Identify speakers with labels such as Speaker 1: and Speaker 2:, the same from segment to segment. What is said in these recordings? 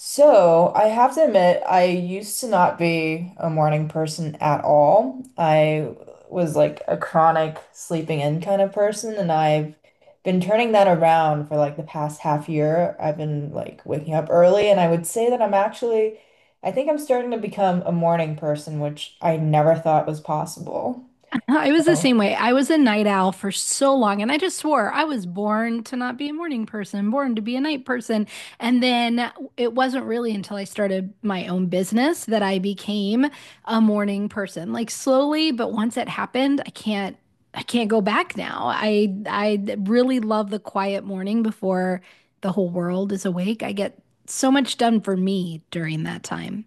Speaker 1: So, I have to admit, I used to not be a morning person at all. I was like a chronic sleeping in kind of person, and I've been turning that around for like the past half year. I've been like waking up early, and I would say that I'm actually, I think I'm starting to become a morning person, which I never thought was possible.
Speaker 2: I was the
Speaker 1: Oh.
Speaker 2: same way. I was a night owl for so long, and I just swore I was born to not be a morning person, born to be a night person. And then it wasn't really until I started my own business that I became a morning person. Like slowly, but once it happened, I can't go back now. I really love the quiet morning before the whole world is awake. I get so much done for me during that time.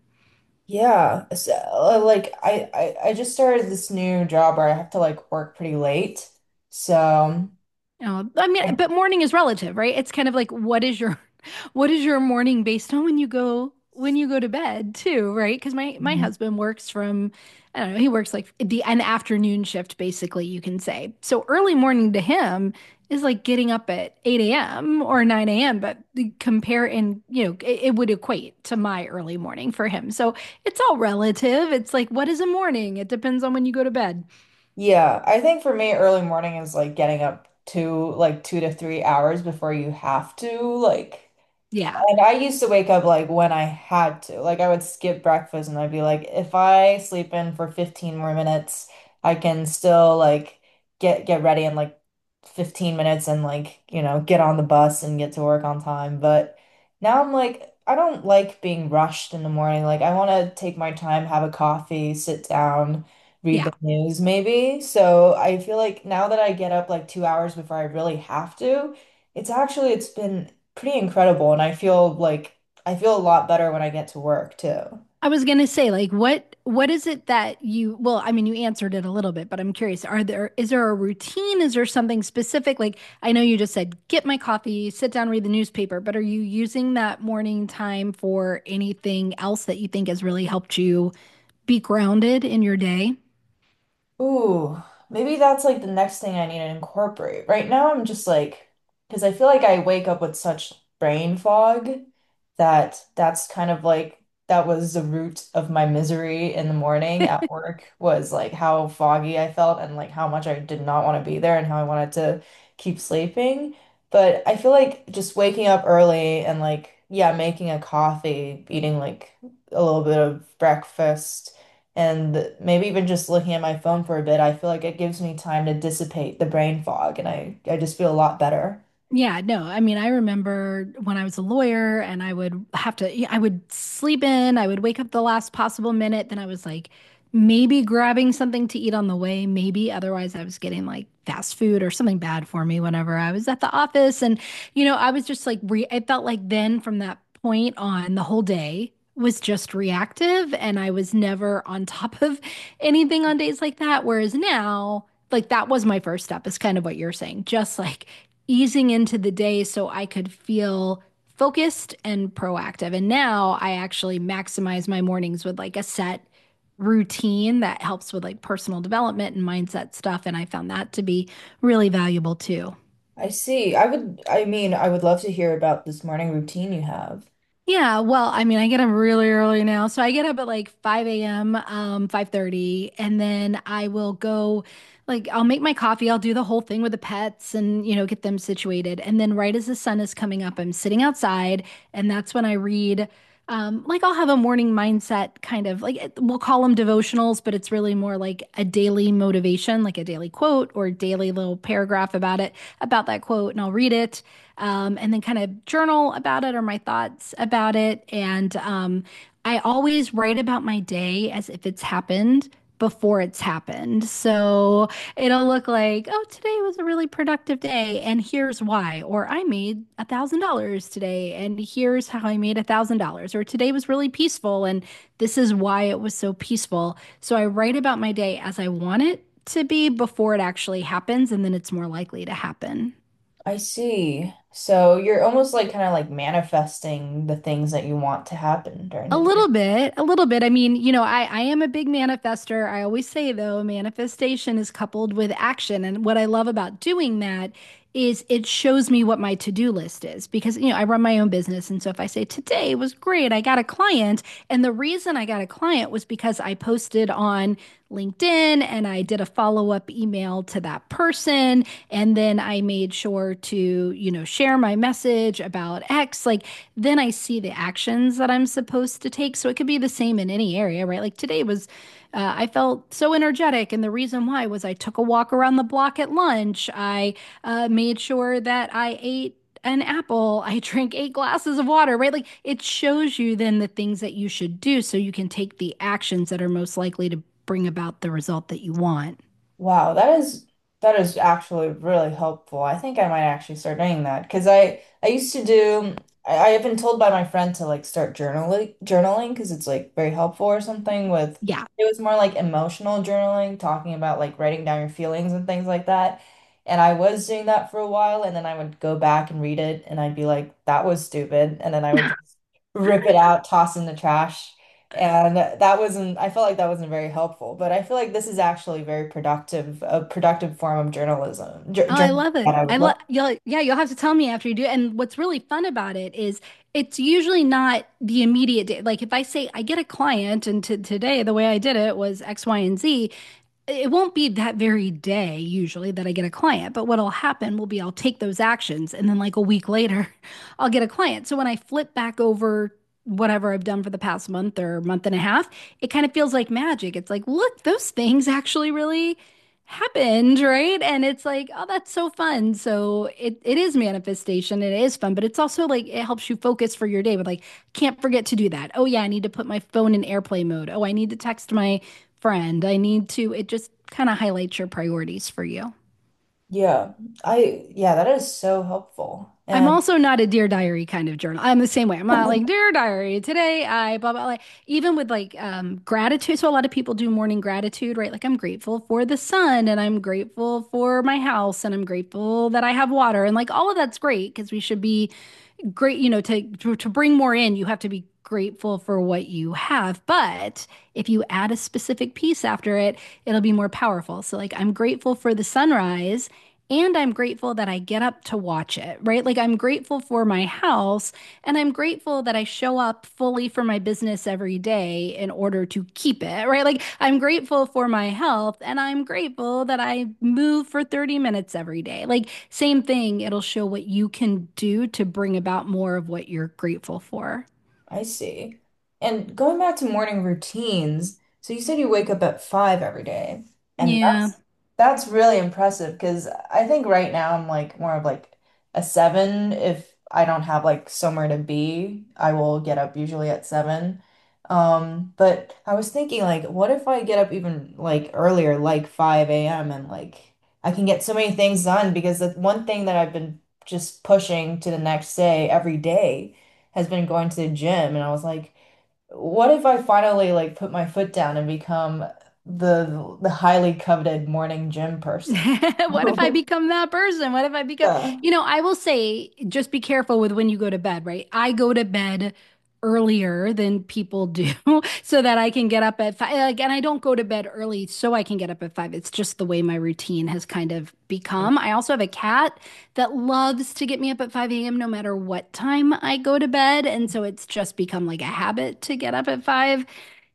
Speaker 1: Yeah, so, I just started this new job where I have to like work pretty late. So,
Speaker 2: Oh, I mean, but morning is relative, right? It's kind of like what is your what is your morning based on when you go to bed too, right? Because my
Speaker 1: mhm.
Speaker 2: husband works from I don't know, he works like the an afternoon shift basically, you can say. So early morning to him is like getting up at 8 a.m. or 9 a.m., but compare and you know, it would equate to my early morning for him. So it's all relative. It's like what is a morning? It depends on when you go to bed.
Speaker 1: Yeah, I think for me, early morning is like getting up two, like 2 to 3 hours before you have to, like.
Speaker 2: Yeah.
Speaker 1: And I used to wake up like when I had to. Like I would skip breakfast and I'd be like, if I sleep in for 15 more minutes, I can still like get ready in like 15 minutes and like, get on the bus and get to work on time. But now I'm like, I don't like being rushed in the morning. Like I want to take my time, have a coffee, sit down, read
Speaker 2: Yeah,
Speaker 1: the news maybe. So I feel like now that I get up like 2 hours before I really have to, it's actually it's been pretty incredible. And I feel like I feel a lot better when I get to work too.
Speaker 2: I was gonna say, like, what is it that you, well, I mean, you answered it a little bit, but I'm curious, are there is there a routine? Is there something specific? Like, I know you just said, get my coffee, sit down, read the newspaper, but are you using that morning time for anything else that you think has really helped you be grounded in your day?
Speaker 1: Ooh, maybe that's like the next thing I need to incorporate. Right now, I'm just like, because I feel like I wake up with such brain fog that that was the root of my misery in the morning at work was like how foggy I felt and like how much I did not want to be there and how I wanted to keep sleeping. But I feel like just waking up early and like, yeah, making a coffee, eating like a little bit of breakfast and maybe even just looking at my phone for a bit, I feel like it gives me time to dissipate the brain fog and I just feel a lot better.
Speaker 2: Yeah, no. I mean, I remember when I was a lawyer and I would have to, yeah, I would sleep in, I would wake up the last possible minute. Then I was like maybe grabbing something to eat on the way, maybe. Otherwise, I was getting like fast food or something bad for me whenever I was at the office. And, you know, I was just like, re I felt like then from that point on, the whole day was just reactive and I was never on top of anything on days like that. Whereas now, like that was my first step, is kind of what you're saying. Just like, easing into the day so I could feel focused and proactive. And now I actually maximize my mornings with like a set routine that helps with like personal development and mindset stuff. And I found that to be really valuable too.
Speaker 1: I see. I would love to hear about this morning routine you have.
Speaker 2: Yeah, well, I mean, I get up really early now. So I get up at like 5 a.m., 5:30, and then I will go like I'll make my coffee, I'll do the whole thing with the pets and, you know, get them situated. And then right as the sun is coming up, I'm sitting outside, and that's when I read like I'll have a morning mindset kind of like we'll call them devotionals, but it's really more like a daily motivation, like a daily quote or daily little paragraph about it, about that quote, and I'll read it, and then kind of journal about it or my thoughts about it. And I always write about my day as if it's happened before it's happened. So it'll look like, oh, today was a really productive day, and here's why. Or I made $1,000 today, and here's how I made $1,000. Or today was really peaceful, and this is why it was so peaceful. So I write about my day as I want it to be before it actually happens, and then it's more likely to happen.
Speaker 1: I see. So you're almost like kind of like manifesting the things that you want to happen during
Speaker 2: A
Speaker 1: the—
Speaker 2: little bit, a little bit. I mean, you know, I am a big manifester. I always say, though, manifestation is coupled with action. And what I love about doing that is it shows me what my to-do list is, because you know I run my own business. And so if I say today was great, I got a client, and the reason I got a client was because I posted on LinkedIn and I did a follow-up email to that person and then I made sure to, you know, share my message about X, like then I see the actions that I'm supposed to take. So it could be the same in any area, right? Like today was I felt so energetic, and the reason why was I took a walk around the block at lunch. I made sure that I ate an apple. I drank eight glasses of water, right? Like it shows you then the things that you should do so you can take the actions that are most likely to bring about the result that you want.
Speaker 1: Wow, that is actually really helpful. I think I might actually start doing that because I used to do I have been told by my friend to like start journaling because it's like very helpful or something with—
Speaker 2: Yeah,
Speaker 1: it was more like emotional journaling, talking about like writing down your feelings and things like that. And I was doing that for a while and then I would go back and read it and I'd be like, that was stupid. And then I would just rip it out, toss in the trash. And that wasn't, I felt like that wasn't very helpful, but I feel like this is actually very productive, a productive form of journalism, jour
Speaker 2: oh, I
Speaker 1: journalism
Speaker 2: love
Speaker 1: that
Speaker 2: it.
Speaker 1: I would
Speaker 2: I
Speaker 1: love.
Speaker 2: love You'll, yeah, you'll have to tell me after you do it. And what's really fun about it is it's usually not the immediate day. Like if I say I get a client and to today the way I did it was X, Y, and Z, it won't be that very day usually that I get a client, but what'll happen will be I'll take those actions and then like a week later, I'll get a client. So when I flip back over whatever I've done for the past month or month and a half, it kind of feels like magic. It's like, look, those things actually really happened, right? And it's like, oh, that's so fun. So it is manifestation. It is fun, but it's also like it helps you focus for your day. But like, can't forget to do that. Oh yeah, I need to put my phone in airplane mode. Oh, I need to text my friend. I need to. It just kind of highlights your priorities for you.
Speaker 1: Yeah, I, yeah, that is so helpful.
Speaker 2: I'm
Speaker 1: And
Speaker 2: also not a Dear Diary kind of journal. I'm the same way. I'm not like Dear Diary today. I blah blah. Like even with like gratitude. So a lot of people do morning gratitude, right? Like I'm grateful for the sun, and I'm grateful for my house, and I'm grateful that I have water, and like all of that's great because we should be great, you know, to, to bring more in, you have to be grateful for what you have. But if you add a specific piece after it, it'll be more powerful. So like I'm grateful for the sunrise and I'm grateful that I get up to watch it, right? Like I'm grateful for my house and I'm grateful that I show up fully for my business every day in order to keep it, right? Like, I'm grateful for my health and I'm grateful that I move for 30 minutes every day. Like, same thing, it'll show what you can do to bring about more of what you're grateful for.
Speaker 1: I see. And going back to morning routines, so you said you wake up at five every day, and
Speaker 2: Yeah.
Speaker 1: that's really impressive because I think right now I'm like more of like a seven. If I don't have like somewhere to be, I will get up usually at seven. But I was thinking like, what if I get up even like earlier, like 5 a.m. and like I can get so many things done because the one thing that I've been just pushing to the next day every day has been going to the gym and I was like, what if I finally like put my foot down and become the highly coveted morning gym person?
Speaker 2: What if I become that person? What if I become,
Speaker 1: Yeah.
Speaker 2: you know, I will say just be careful with when you go to bed, right? I go to bed earlier than people do so that I can get up at five. Like, and I don't go to bed early so I can get up at five. It's just the way my routine has kind of become. I also have a cat that loves to get me up at 5 a.m. no matter what time I go to bed. And so it's just become like a habit to get up at five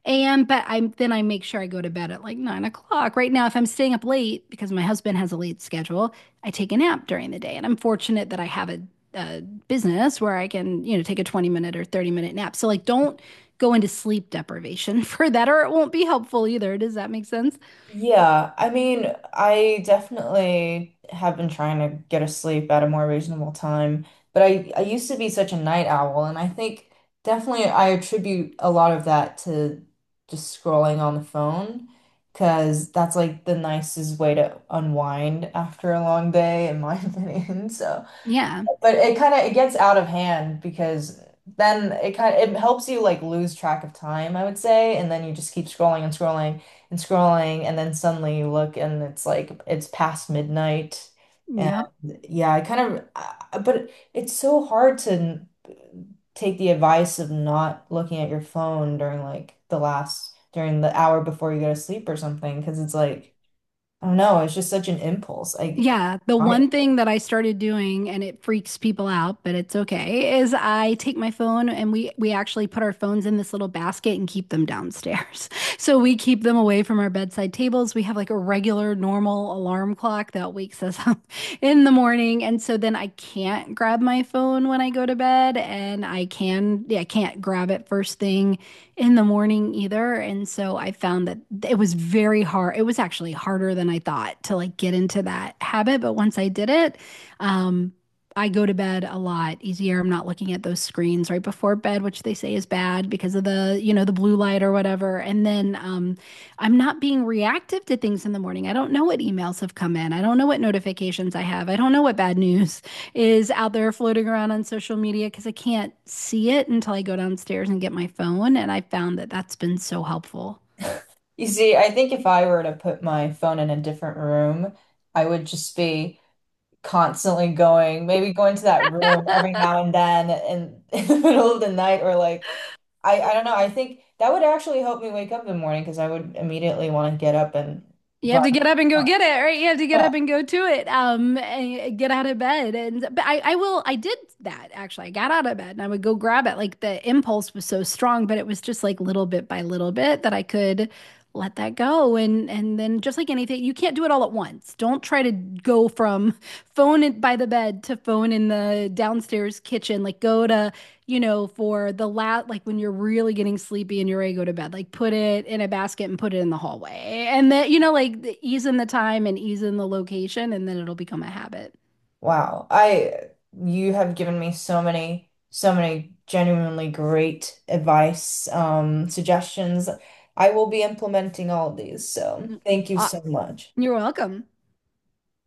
Speaker 2: AM, but I'm then I make sure I go to bed at like 9 o'clock. Right now, if I'm staying up late because my husband has a late schedule, I take a nap during the day. And I'm fortunate that I have a business where I can, you know, take a 20 minute or 30-minute nap. So like don't go into sleep deprivation for that, or it won't be helpful either. Does that make sense?
Speaker 1: Yeah, I mean, I definitely have been trying to get to sleep at a more reasonable time, but I used to be such a night owl, and I think definitely I attribute a lot of that to just scrolling on the phone, because that's like the nicest way to unwind after a long day, in my opinion. So
Speaker 2: Yeah.
Speaker 1: but it kind of it gets out of hand because then it kind of it helps you like lose track of time, I would say, and then you just keep scrolling and scrolling and scrolling, and then suddenly you look and it's like it's past midnight. And
Speaker 2: Yep.
Speaker 1: yeah, but it's so hard to take the advice of not looking at your phone during like the last during the hour before you go to sleep or something because it's like I don't know, it's just such an impulse.
Speaker 2: Yeah, the
Speaker 1: I
Speaker 2: one thing that I started doing, and it freaks people out, but it's okay, is I take my phone and we actually put our phones in this little basket and keep them downstairs. So we keep them away from our bedside tables. We have like a regular normal alarm clock that wakes us up in the morning, and so then I can't grab my phone when I go to bed, and I can, yeah, I can't grab it first thing in the morning either. And so I found that it was very hard. It was actually harder than I thought to like get into that habit. But once I did it, um, I go to bed a lot easier. I'm not looking at those screens right before bed, which they say is bad because of the, you know, the blue light or whatever. And then I'm not being reactive to things in the morning. I don't know what emails have come in. I don't know what notifications I have. I don't know what bad news is out there floating around on social media because I can't see it until I go downstairs and get my phone. And I found that that's been so helpful.
Speaker 1: You see, I think if I were to put my phone in a different room, I would just be constantly going, maybe going to that room every now and then in, in the middle of the night or like I don't know. I think that would actually help me wake up in the morning because I would immediately want to get up and
Speaker 2: You
Speaker 1: run.
Speaker 2: have to get up and go get it, right? You have to get
Speaker 1: Yeah.
Speaker 2: up and go to it, and get out of bed. And but I will, I did that actually. I got out of bed and I would go grab it. Like the impulse was so strong, but it was just like little bit by little bit that I could let that go. And then just like anything, you can't do it all at once. Don't try to go from phone in, by the bed to phone in the downstairs kitchen. Like go to, you know, for the last, like when you're really getting sleepy and you're ready to go to bed, like put it in a basket and put it in the hallway. And that, you know, like ease in the time and ease in the location, and then it'll become a habit.
Speaker 1: Wow. I You have given me so many so many genuinely great advice, suggestions. I will be implementing all of these, so
Speaker 2: Mm.
Speaker 1: thank you so
Speaker 2: Ah,
Speaker 1: much.
Speaker 2: you're welcome.